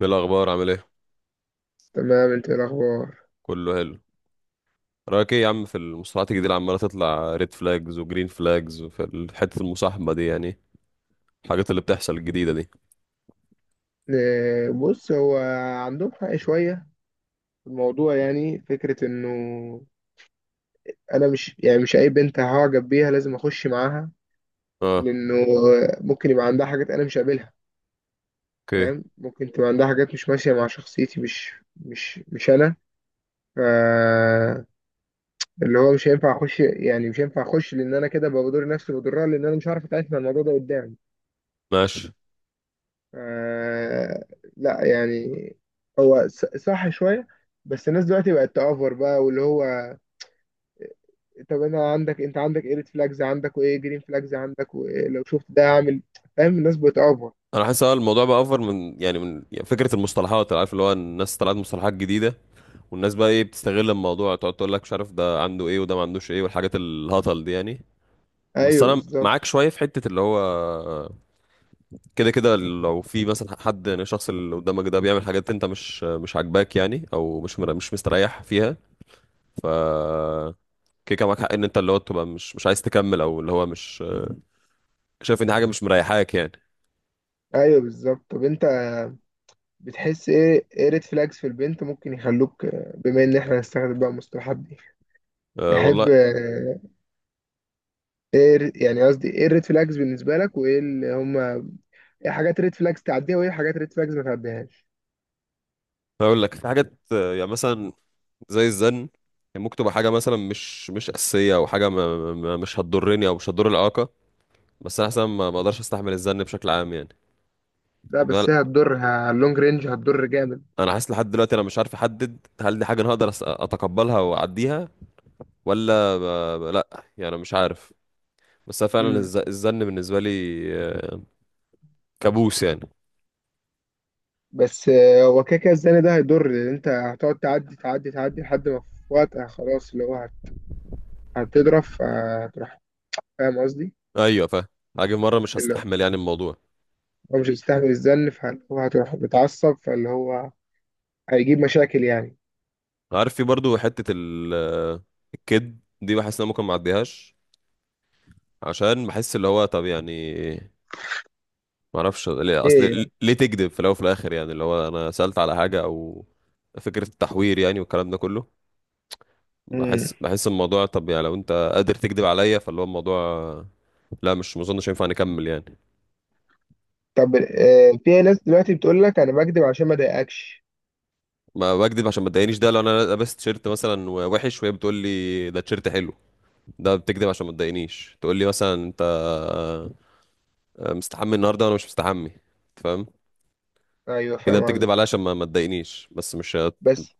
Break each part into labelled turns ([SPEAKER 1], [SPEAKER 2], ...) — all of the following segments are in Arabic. [SPEAKER 1] ايه الاخبار؟ عامل ايه؟
[SPEAKER 2] تمام، انت ايه الاخبار؟
[SPEAKER 1] كله حلو. رايك ايه يا عم في المصطلحات الجديده اللي عماله تطلع ريد فلاجز وجرين فلاجز، وفي حته المصاحبه دي يعني؟ الحاجات اللي بتحصل الجديده دي.
[SPEAKER 2] بص، هو عندهم حق شويه في الموضوع. يعني فكره انه انا، مش اي بنت هعجب بيها لازم اخش معاها.
[SPEAKER 1] اه.
[SPEAKER 2] لانه ممكن يبقى عندها حاجات انا مش قابلها.
[SPEAKER 1] اوكي.
[SPEAKER 2] فاهم؟ ممكن تبقى عندها حاجات مش ماشيه مع شخصيتي. مش انا. ف اللي هو مش هينفع اخش. يعني مش هينفع اخش، لان انا كده بضر نفسي وبضرها، لان انا مش عارف اتعامل مع الموضوع ده قدام.
[SPEAKER 1] ماشي.
[SPEAKER 2] آه. لا يعني، هو صح شوية، بس الناس دلوقتي بقت تأفور بقى، واللي هو طب انا عندك، انت عندك ايه ريد فلاجز عندك؟ وايه جرين فلاجز عندك؟ ولو شفت ده اعمل. فاهم؟ الناس بتأفور.
[SPEAKER 1] انا حاسس الموضوع بقى اوفر من يعني فكره المصطلحات، عارف، اللي هو الناس طلعت مصطلحات جديده. والناس بقى ايه بتستغل الموضوع، تقعد تقول لك مش عارف ده عنده ايه وده ما عندوش ايه، والحاجات الهطل دي يعني. بس
[SPEAKER 2] ايوه
[SPEAKER 1] انا
[SPEAKER 2] بالظبط.
[SPEAKER 1] معاك شويه في حته اللي هو كده كده، لو في مثلا حد، يعني الشخص اللي قدامك ده بيعمل حاجات انت مش عاجباك، يعني، او مش مستريح فيها. ف كده كده معاك حق ان انت اللي هو تبقى مش عايز تكمل، او اللي هو مش شايف ان حاجه مش مريحاك يعني.
[SPEAKER 2] ايوه بالظبط. طب انت بتحس ايه ريد فلاجز في البنت ممكن يخلوك بما ان احنا هنستخدم بقى المصطلحات دي؟
[SPEAKER 1] أه
[SPEAKER 2] تحب
[SPEAKER 1] والله.
[SPEAKER 2] ايه يعني قصدي ايه الريد فلاجز بالنسبة لك؟ وايه اللي هما ايه حاجات ريد فلاجز تعديها، وايه حاجات ريد فلاجز ما تعديهاش؟
[SPEAKER 1] هقول لك في حاجات، يعني مثلا زي الزن يعني، ممكن تبقى حاجه مثلا مش اساسيه، او حاجه ما ما مش هتضرني او مش هتضر العلاقه. بس انا حاسس ما اقدرش استحمل الزن بشكل عام يعني.
[SPEAKER 2] لا،
[SPEAKER 1] يعني
[SPEAKER 2] بس
[SPEAKER 1] انا
[SPEAKER 2] هي هتضر. اللونج رينج هتضر جامد.
[SPEAKER 1] أنا حاسس لحد دلوقتي انا مش عارف احدد هل دي حاجه انا هقدر اتقبلها واعديها، ولا لا، يعني مش عارف. بس أنا فعلا
[SPEAKER 2] امم.
[SPEAKER 1] الزن بالنسبة لي آه، كابوس يعني.
[SPEAKER 2] بس هو كده كده الزن ده هيضر. لان انت هتقعد تعدي تعدي تعدي لحد ما في وقت خلاص اللي هو هتضرب فهتروح. فاهم قصدي؟
[SPEAKER 1] ايوه فاهم. هاجي مرة مش
[SPEAKER 2] اللي
[SPEAKER 1] هستحمل يعني الموضوع.
[SPEAKER 2] هو مش هيستحمل الزن، فهو هتروح متعصب، فاللي هو هيجيب مشاكل يعني.
[SPEAKER 1] عارف في برضو حتة ال... آه، الكد دي بحس ان أنا ممكن ما اعديهاش، عشان بحس اللي هو طب يعني ما اعرفش ليه،
[SPEAKER 2] ليه
[SPEAKER 1] اصل
[SPEAKER 2] يعني؟
[SPEAKER 1] ليه تكذب في الاول وفي الاخر؟ يعني اللي هو انا سألت على حاجة، او فكرة التحوير يعني والكلام ده كله. بحس
[SPEAKER 2] امم.
[SPEAKER 1] بحس الموضوع، طب يعني لو انت قادر تكذب عليا فاللي هو الموضوع لا، مش ما اظنش ينفع نكمل يعني.
[SPEAKER 2] طب في ناس دلوقتي بتقول لك انا بكدب عشان ما اضايقكش.
[SPEAKER 1] ما بكدب عشان ما تضايقنيش ده لو انا لابس تيشيرت مثلا وحش وهي بتقول لي ده تيشيرت حلو. ده بتكدب عشان ما تضايقنيش، تقول لي مثلا انت مستحمي النهارده وانا مش مستحمي. فاهم؟
[SPEAKER 2] ايوه
[SPEAKER 1] كده
[SPEAKER 2] فاهم قصدي.
[SPEAKER 1] بتكدب عليا عشان ما تضايقنيش، بس مش.
[SPEAKER 2] بس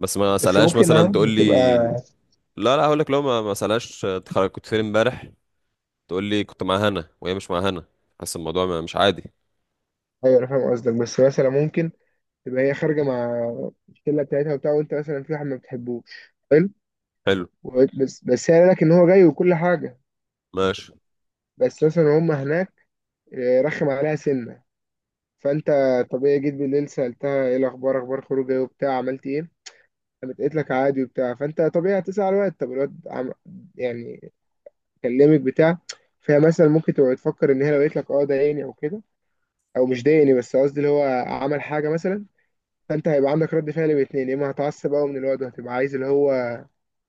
[SPEAKER 1] بس ما
[SPEAKER 2] بس
[SPEAKER 1] اسالهاش
[SPEAKER 2] ممكن، اه،
[SPEAKER 1] مثلا تقول لي،
[SPEAKER 2] بتبقى.
[SPEAKER 1] لا لا، هقول لك لو ما اسالهاش كنت فين امبارح، تقول لي كنت مع هنا وهي مش مع هنا. حاسس الموضوع مش عادي.
[SPEAKER 2] ايوه انا فاهم قصدك، بس مثلا ممكن تبقى هي خارجه مع الشله بتاعتها وبتاع، وانت مثلا في واحد ما بتحبوش. حلو.
[SPEAKER 1] حلو.
[SPEAKER 2] وقلت بس هي قال لك ان هو جاي وكل حاجه.
[SPEAKER 1] ماشي.
[SPEAKER 2] بس مثلا هم هناك رخم عليها سنه. فانت طبيعي جيت بالليل، سالتها ايه الاخبار؟ اخبار خروجه ايه وبتاع؟ عملت ايه؟ قامت قالت لك عادي وبتاع. فانت طبيعي هتسال الواد. طب الواد يعني كلمك بتاع فهي مثلا ممكن تبقى تفكر ان هي لو قالت لك اه ضايقني او كده، او مش ضايقني، بس قصدي اللي هو عمل حاجه مثلا، فانت هيبقى عندك رد فعل باتنين. يا اما هتعصب قوي من الواد وهتبقى عايز اللي هو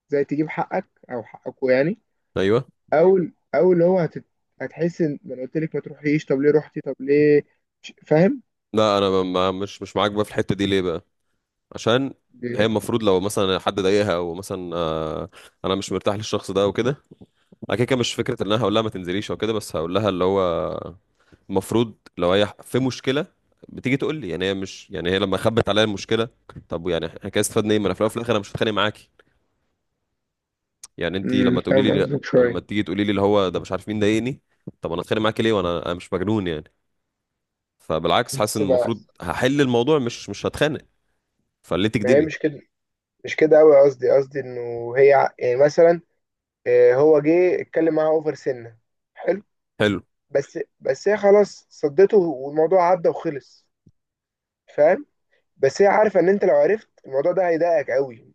[SPEAKER 2] زي تجيب حقك او حقكوا يعني،
[SPEAKER 1] ايوه.
[SPEAKER 2] او او اللي هو هتحس ان ما انا قلت لك ما تروحيش، طب ليه رحتي؟ طب ليه؟ فاهم؟
[SPEAKER 1] لا انا ب- ما مش معاك بقى في الحته دي ليه بقى؟ عشان هي
[SPEAKER 2] ليه؟
[SPEAKER 1] المفروض لو مثلا حد ضايقها، او مثلا انا مش مرتاح للشخص ده وكده. انا كده كده مش فكره ان انا هقول لها ما تنزليش او كده، بس هقول لها اللي هو المفروض لو هي في مشكله بتيجي تقول لي. يعني هي مش، يعني هي لما خبت عليا المشكله طب يعني احنا كده استفدنا ايه؟ ما انا في الاول وفي الاخر انا مش هتخانق معاكي، يعني انت
[SPEAKER 2] امم.
[SPEAKER 1] لما تقولي
[SPEAKER 2] فاهم
[SPEAKER 1] لي،
[SPEAKER 2] قصدك
[SPEAKER 1] لما
[SPEAKER 2] شويه.
[SPEAKER 1] تيجي تقولي لي اللي هو ده مش عارف مين ضايقني، طب انا اتخانق معاكي ليه؟ وانا مش مجنون يعني. فبالعكس حاسس
[SPEAKER 2] بس
[SPEAKER 1] ان
[SPEAKER 2] ما
[SPEAKER 1] المفروض هحل الموضوع، مش هتخانق. فليه
[SPEAKER 2] ما هي
[SPEAKER 1] تكدبي؟
[SPEAKER 2] مش كده. مش كده قوي. قصدي انه هي يعني مثلا هو جه اتكلم معاها اوفر سنه. حلو.
[SPEAKER 1] حلو.
[SPEAKER 2] بس هي خلاص صدته، والموضوع عدى وخلص. فاهم؟ بس هي عارفه ان انت لو عرفت الموضوع ده هيضايقك قوي.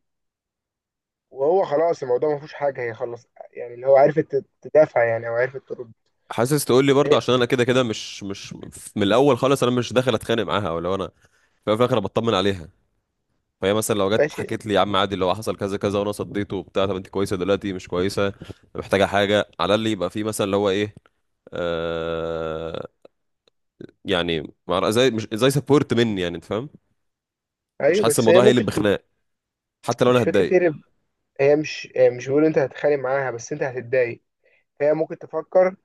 [SPEAKER 2] وهو خلاص الموضوع ما فيهوش حاجه، هي خلص، يعني اللي هو عرفت تدافع يعني، او عرفت ترد.
[SPEAKER 1] حاسس تقول لي، برضه
[SPEAKER 2] هي-
[SPEAKER 1] عشان انا كده كده مش من الاول خالص انا مش داخل اتخانق معاها، او لو انا في الأول وفي الاخر أنا بطمن عليها. فهي مثلا لو جت
[SPEAKER 2] ماشي.
[SPEAKER 1] حكيت لي، يا عم عادي اللي هو حصل كذا كذا وانا صديته وبتاع، طب انت كويسه دلوقتي؟ مش كويسه؟ محتاجه حاجه على اللي يبقى في مثلا اللي هو ايه؟ آه، يعني زي، مش زي سبورت مني، يعني انت فاهم. مش
[SPEAKER 2] ايوه،
[SPEAKER 1] حاسس
[SPEAKER 2] بس هي
[SPEAKER 1] الموضوع هيقلب بخناق، حتى لو
[SPEAKER 2] مش
[SPEAKER 1] انا
[SPEAKER 2] فكرة
[SPEAKER 1] هتضايق
[SPEAKER 2] هرب. هي مش، هي مش بيقول انت هتتخانق معاها، بس انت هتتضايق. هي ممكن تفكر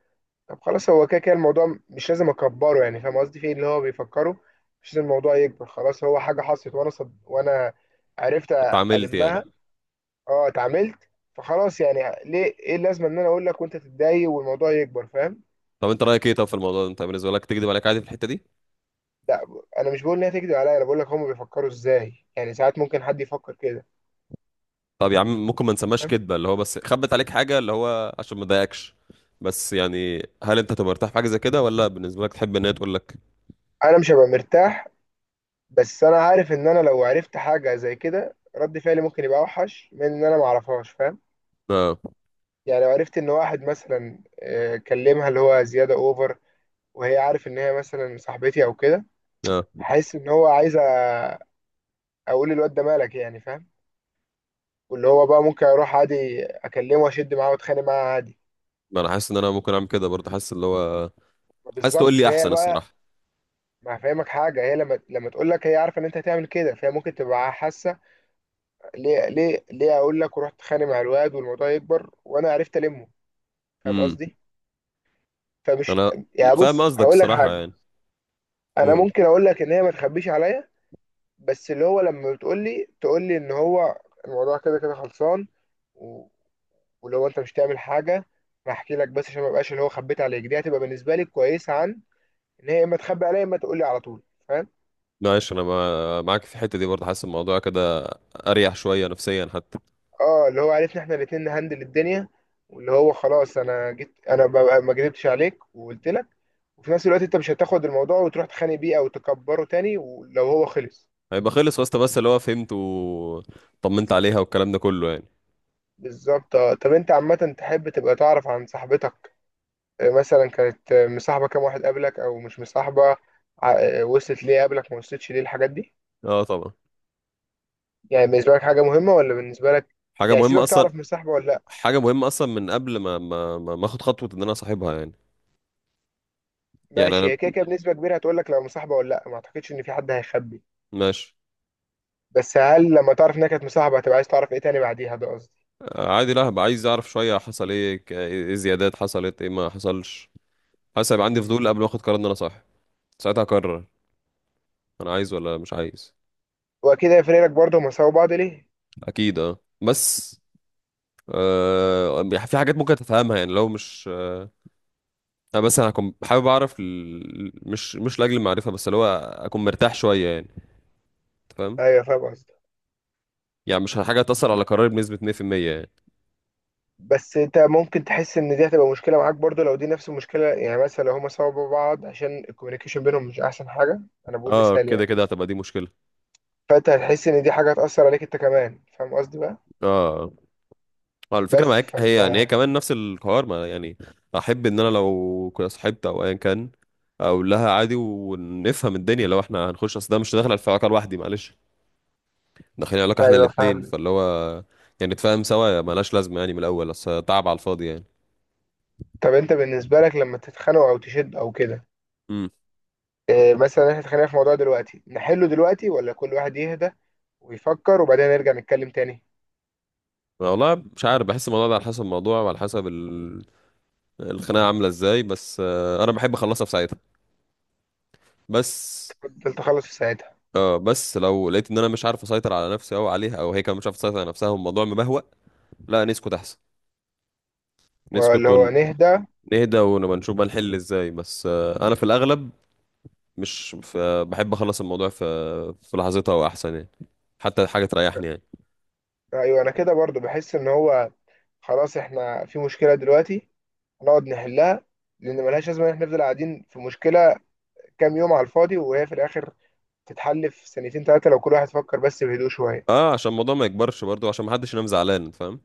[SPEAKER 2] طب خلاص، هو كده كده الموضوع مش لازم اكبره. يعني فاهم قصدي في اللي هو بيفكره؟ مش لازم الموضوع يكبر. خلاص، هو حاجة حصلت وانا عرفت
[SPEAKER 1] اتعاملت يعني.
[SPEAKER 2] ألمها. اه، اتعاملت. فخلاص، يعني ليه؟ ايه اللازمة ان انا اقول لك وانت تتضايق والموضوع يكبر؟ فاهم؟
[SPEAKER 1] طب انت رايك ايه طب في الموضوع ده؟ انت بالنسبه لك تكذب عليك عادي في الحته دي؟
[SPEAKER 2] لا، انا مش بقول ان هي تكذب عليا، انا بقول لك هم بيفكروا ازاي يعني. ساعات ممكن حد يفكر كده.
[SPEAKER 1] طب يا عم، ممكن ما نسماش
[SPEAKER 2] فاهم؟
[SPEAKER 1] كدبه، اللي هو بس خبت عليك حاجه اللي هو عشان ما تضايقكش. بس يعني هل انت تبقى مرتاح في حاجه زي كده، ولا بالنسبه لك تحب ان هي تقول لك؟
[SPEAKER 2] انا مش هبقى مرتاح، بس انا عارف ان انا لو عرفت حاجه زي كده رد فعلي ممكن يبقى اوحش من ان انا ما اعرفهاش. فاهم؟
[SPEAKER 1] اه.
[SPEAKER 2] يعني لو عرفت ان واحد مثلا كلمها اللي هو زياده اوفر، وهي عارف ان هي مثلا صاحبتي او كده،
[SPEAKER 1] اه.
[SPEAKER 2] حاسس ان هو عايز اقول الواد ده مالك يعني. فاهم؟ واللي هو بقى ممكن اروح عادي اكلمه واشد معاه واتخانق معاه عادي.
[SPEAKER 1] ما انا حاسس ان انا ممكن اعمل كده برضه، حاسس اللي هو حاسس تقول
[SPEAKER 2] بالظبط.
[SPEAKER 1] لي
[SPEAKER 2] فهي
[SPEAKER 1] احسن،
[SPEAKER 2] بقى
[SPEAKER 1] الصراحه.
[SPEAKER 2] ما هفهمك حاجه. هي لما تقول لك، هي عارفه ان انت هتعمل كده، فهي ممكن تبقى حاسه ليه اقول لك ورحت اتخانق مع الواد والموضوع يكبر وانا عرفت المه. فاهم
[SPEAKER 1] امم.
[SPEAKER 2] قصدي؟ فمش
[SPEAKER 1] انا
[SPEAKER 2] يعني،
[SPEAKER 1] فاهم
[SPEAKER 2] بص
[SPEAKER 1] قصدك،
[SPEAKER 2] هقول لك
[SPEAKER 1] الصراحه
[SPEAKER 2] حاجه.
[SPEAKER 1] يعني.
[SPEAKER 2] انا
[SPEAKER 1] قول.
[SPEAKER 2] ممكن اقول لك ان هي ما تخبيش عليا، بس اللي هو لما بتقول لي، تقول لي ان هو الموضوع كده كده خلصان و... ولو انت مش تعمل حاجه، انا هحكي لك، بس عشان ما بقاش اللي هو خبيت عليك. دي هتبقى بالنسبه لي كويسه عن ان هي اما تخبي عليا، اما تقول لي على طول. فاهم؟
[SPEAKER 1] معلش، انا معاك في الحته دي برضه، حاسس الموضوع كده اريح شويه نفسيا حتى.
[SPEAKER 2] اه، اللي هو عرفنا احنا الاتنين نهندل الدنيا. واللي هو خلاص، انا جيت انا ببقى ما كدبتش عليك وقلت لك، وفي نفس الوقت انت مش هتاخد الموضوع وتروح تخانق بيه او تكبره تاني ولو هو خلص.
[SPEAKER 1] هيبقى خلص واسطه، بس اللي هو فهمت وطمنت عليها والكلام ده كله يعني.
[SPEAKER 2] بالظبط. اه، طب انت عامة تحب تبقى تعرف عن صاحبتك، مثلا كانت مصاحبة كام واحد قبلك او مش مصاحبة؟ وصلت ليه قبلك؟ ما وصلتش ليه؟ الحاجات دي
[SPEAKER 1] اه طبعا.
[SPEAKER 2] يعني بالنسبة لك حاجة مهمة؟ ولا بالنسبة لك
[SPEAKER 1] حاجه
[SPEAKER 2] يعني
[SPEAKER 1] مهمه
[SPEAKER 2] سيبك،
[SPEAKER 1] اصلا.
[SPEAKER 2] تعرف مصاحبة ولا لا؟
[SPEAKER 1] حاجة مهمة أصلا من قبل ما آخد خطوة إن أنا أصاحبها يعني. يعني
[SPEAKER 2] ماشي. هي كده
[SPEAKER 1] أنا.
[SPEAKER 2] كده بنسبة كبيرة هتقول لك لو مصاحبة ولا لا. ما اعتقدش ان في حد هيخبي.
[SPEAKER 1] ماشي.
[SPEAKER 2] بس هل لما تعرف انها كانت مصاحبة، هتبقى عايز تعرف ايه تاني بعديها؟ ده قصدي.
[SPEAKER 1] عادي، لا هبقى عايز أعرف شوية، حصل إيه، إيه زيادات حصلت، إيه ما حصلش. حاسس هيبقى عندي
[SPEAKER 2] مم.
[SPEAKER 1] فضول قبل ما آخد قرار إن أنا صاحب، ساعتها أقرر أنا عايز ولا مش عايز.
[SPEAKER 2] واكيد هيفرق لك برضه هما سابوا بعض ليه.
[SPEAKER 1] أكيد أه، بس آه في حاجات ممكن تفهمها يعني، لو مش بس أنا هكون حابب أعرف مش لأجل المعرفة، بس اللي هو أكون مرتاح شوية يعني. أنت فاهم؟
[SPEAKER 2] ايوه فاهم قصدي.
[SPEAKER 1] يعني مش حاجة تأثر على قراري بنسبة 100% يعني.
[SPEAKER 2] بس انت ممكن تحس ان دي هتبقى مشكله معاك برضو لو دي نفس المشكله. يعني مثلا لو هما سوا بعض عشان الكوميونيكيشن بينهم مش احسن حاجه. انا بقول
[SPEAKER 1] اه
[SPEAKER 2] مثال
[SPEAKER 1] كده
[SPEAKER 2] يعني.
[SPEAKER 1] كده هتبقى دي مشكلة.
[SPEAKER 2] فانت هتحس ان دي حاجه هتاثر عليك انت كمان. فاهم قصدي بقى؟
[SPEAKER 1] اه. آه. ما الفكرة
[SPEAKER 2] بس
[SPEAKER 1] معاك
[SPEAKER 2] فانت
[SPEAKER 1] هي كمان نفس الحوار ما يعني، أحب إن أنا لو كنا صاحبت أو أيا كان أقول لها عادي ونفهم الدنيا لو إحنا هنخش، أصل ده مش داخل في علاقة لوحدي، معلش، داخلين علاقة إحنا
[SPEAKER 2] ايوه
[SPEAKER 1] الاتنين،
[SPEAKER 2] فاهم.
[SPEAKER 1] فاللي هو يعني نتفاهم سوا، ملهاش لازمة يعني من الأول أصل تعب على الفاضي يعني.
[SPEAKER 2] طب انت بالنسبه لك لما تتخانقوا او تشد او كده،
[SPEAKER 1] امم.
[SPEAKER 2] اه مثلا احنا اتخانقنا في موضوع دلوقتي، نحله دلوقتي ولا كل واحد يهدى ويفكر وبعدين نرجع نتكلم تاني؟
[SPEAKER 1] والله مش عارف، بحس الموضوع ده على حسب الموضوع وعلى حسب الخناقة عاملة إزاي، بس أنا بحب أخلصها في ساعتها. بس
[SPEAKER 2] فضلت اخلص في ساعتها
[SPEAKER 1] اه بس لو لقيت ان انا مش عارف اسيطر على نفسي او عليها، او هي كمان مش عارفه تسيطر على نفسها والموضوع مبهوأ، لا نسكت احسن. نسكت
[SPEAKER 2] ولا هو نهدى؟
[SPEAKER 1] ونهدى ونبقى نشوف بقى نحل ازاي، بس انا في الاغلب مش بحب اخلص الموضوع في لحظتها واحسن يعني، حتى حاجه تريحني يعني.
[SPEAKER 2] ايوه، انا كده برضو بحس ان هو خلاص احنا في مشكله دلوقتي، نقعد نحلها. لان ملهاش لازمه ان احنا نفضل قاعدين في مشكله كام يوم على الفاضي، وهي في الاخر تتحل في سنتين ثلاثه لو كل واحد فكر بس بهدوء شويه.
[SPEAKER 1] اه عشان الموضوع ما يكبرش برضو عشان ما حدش ينام زعلان. فاهم؟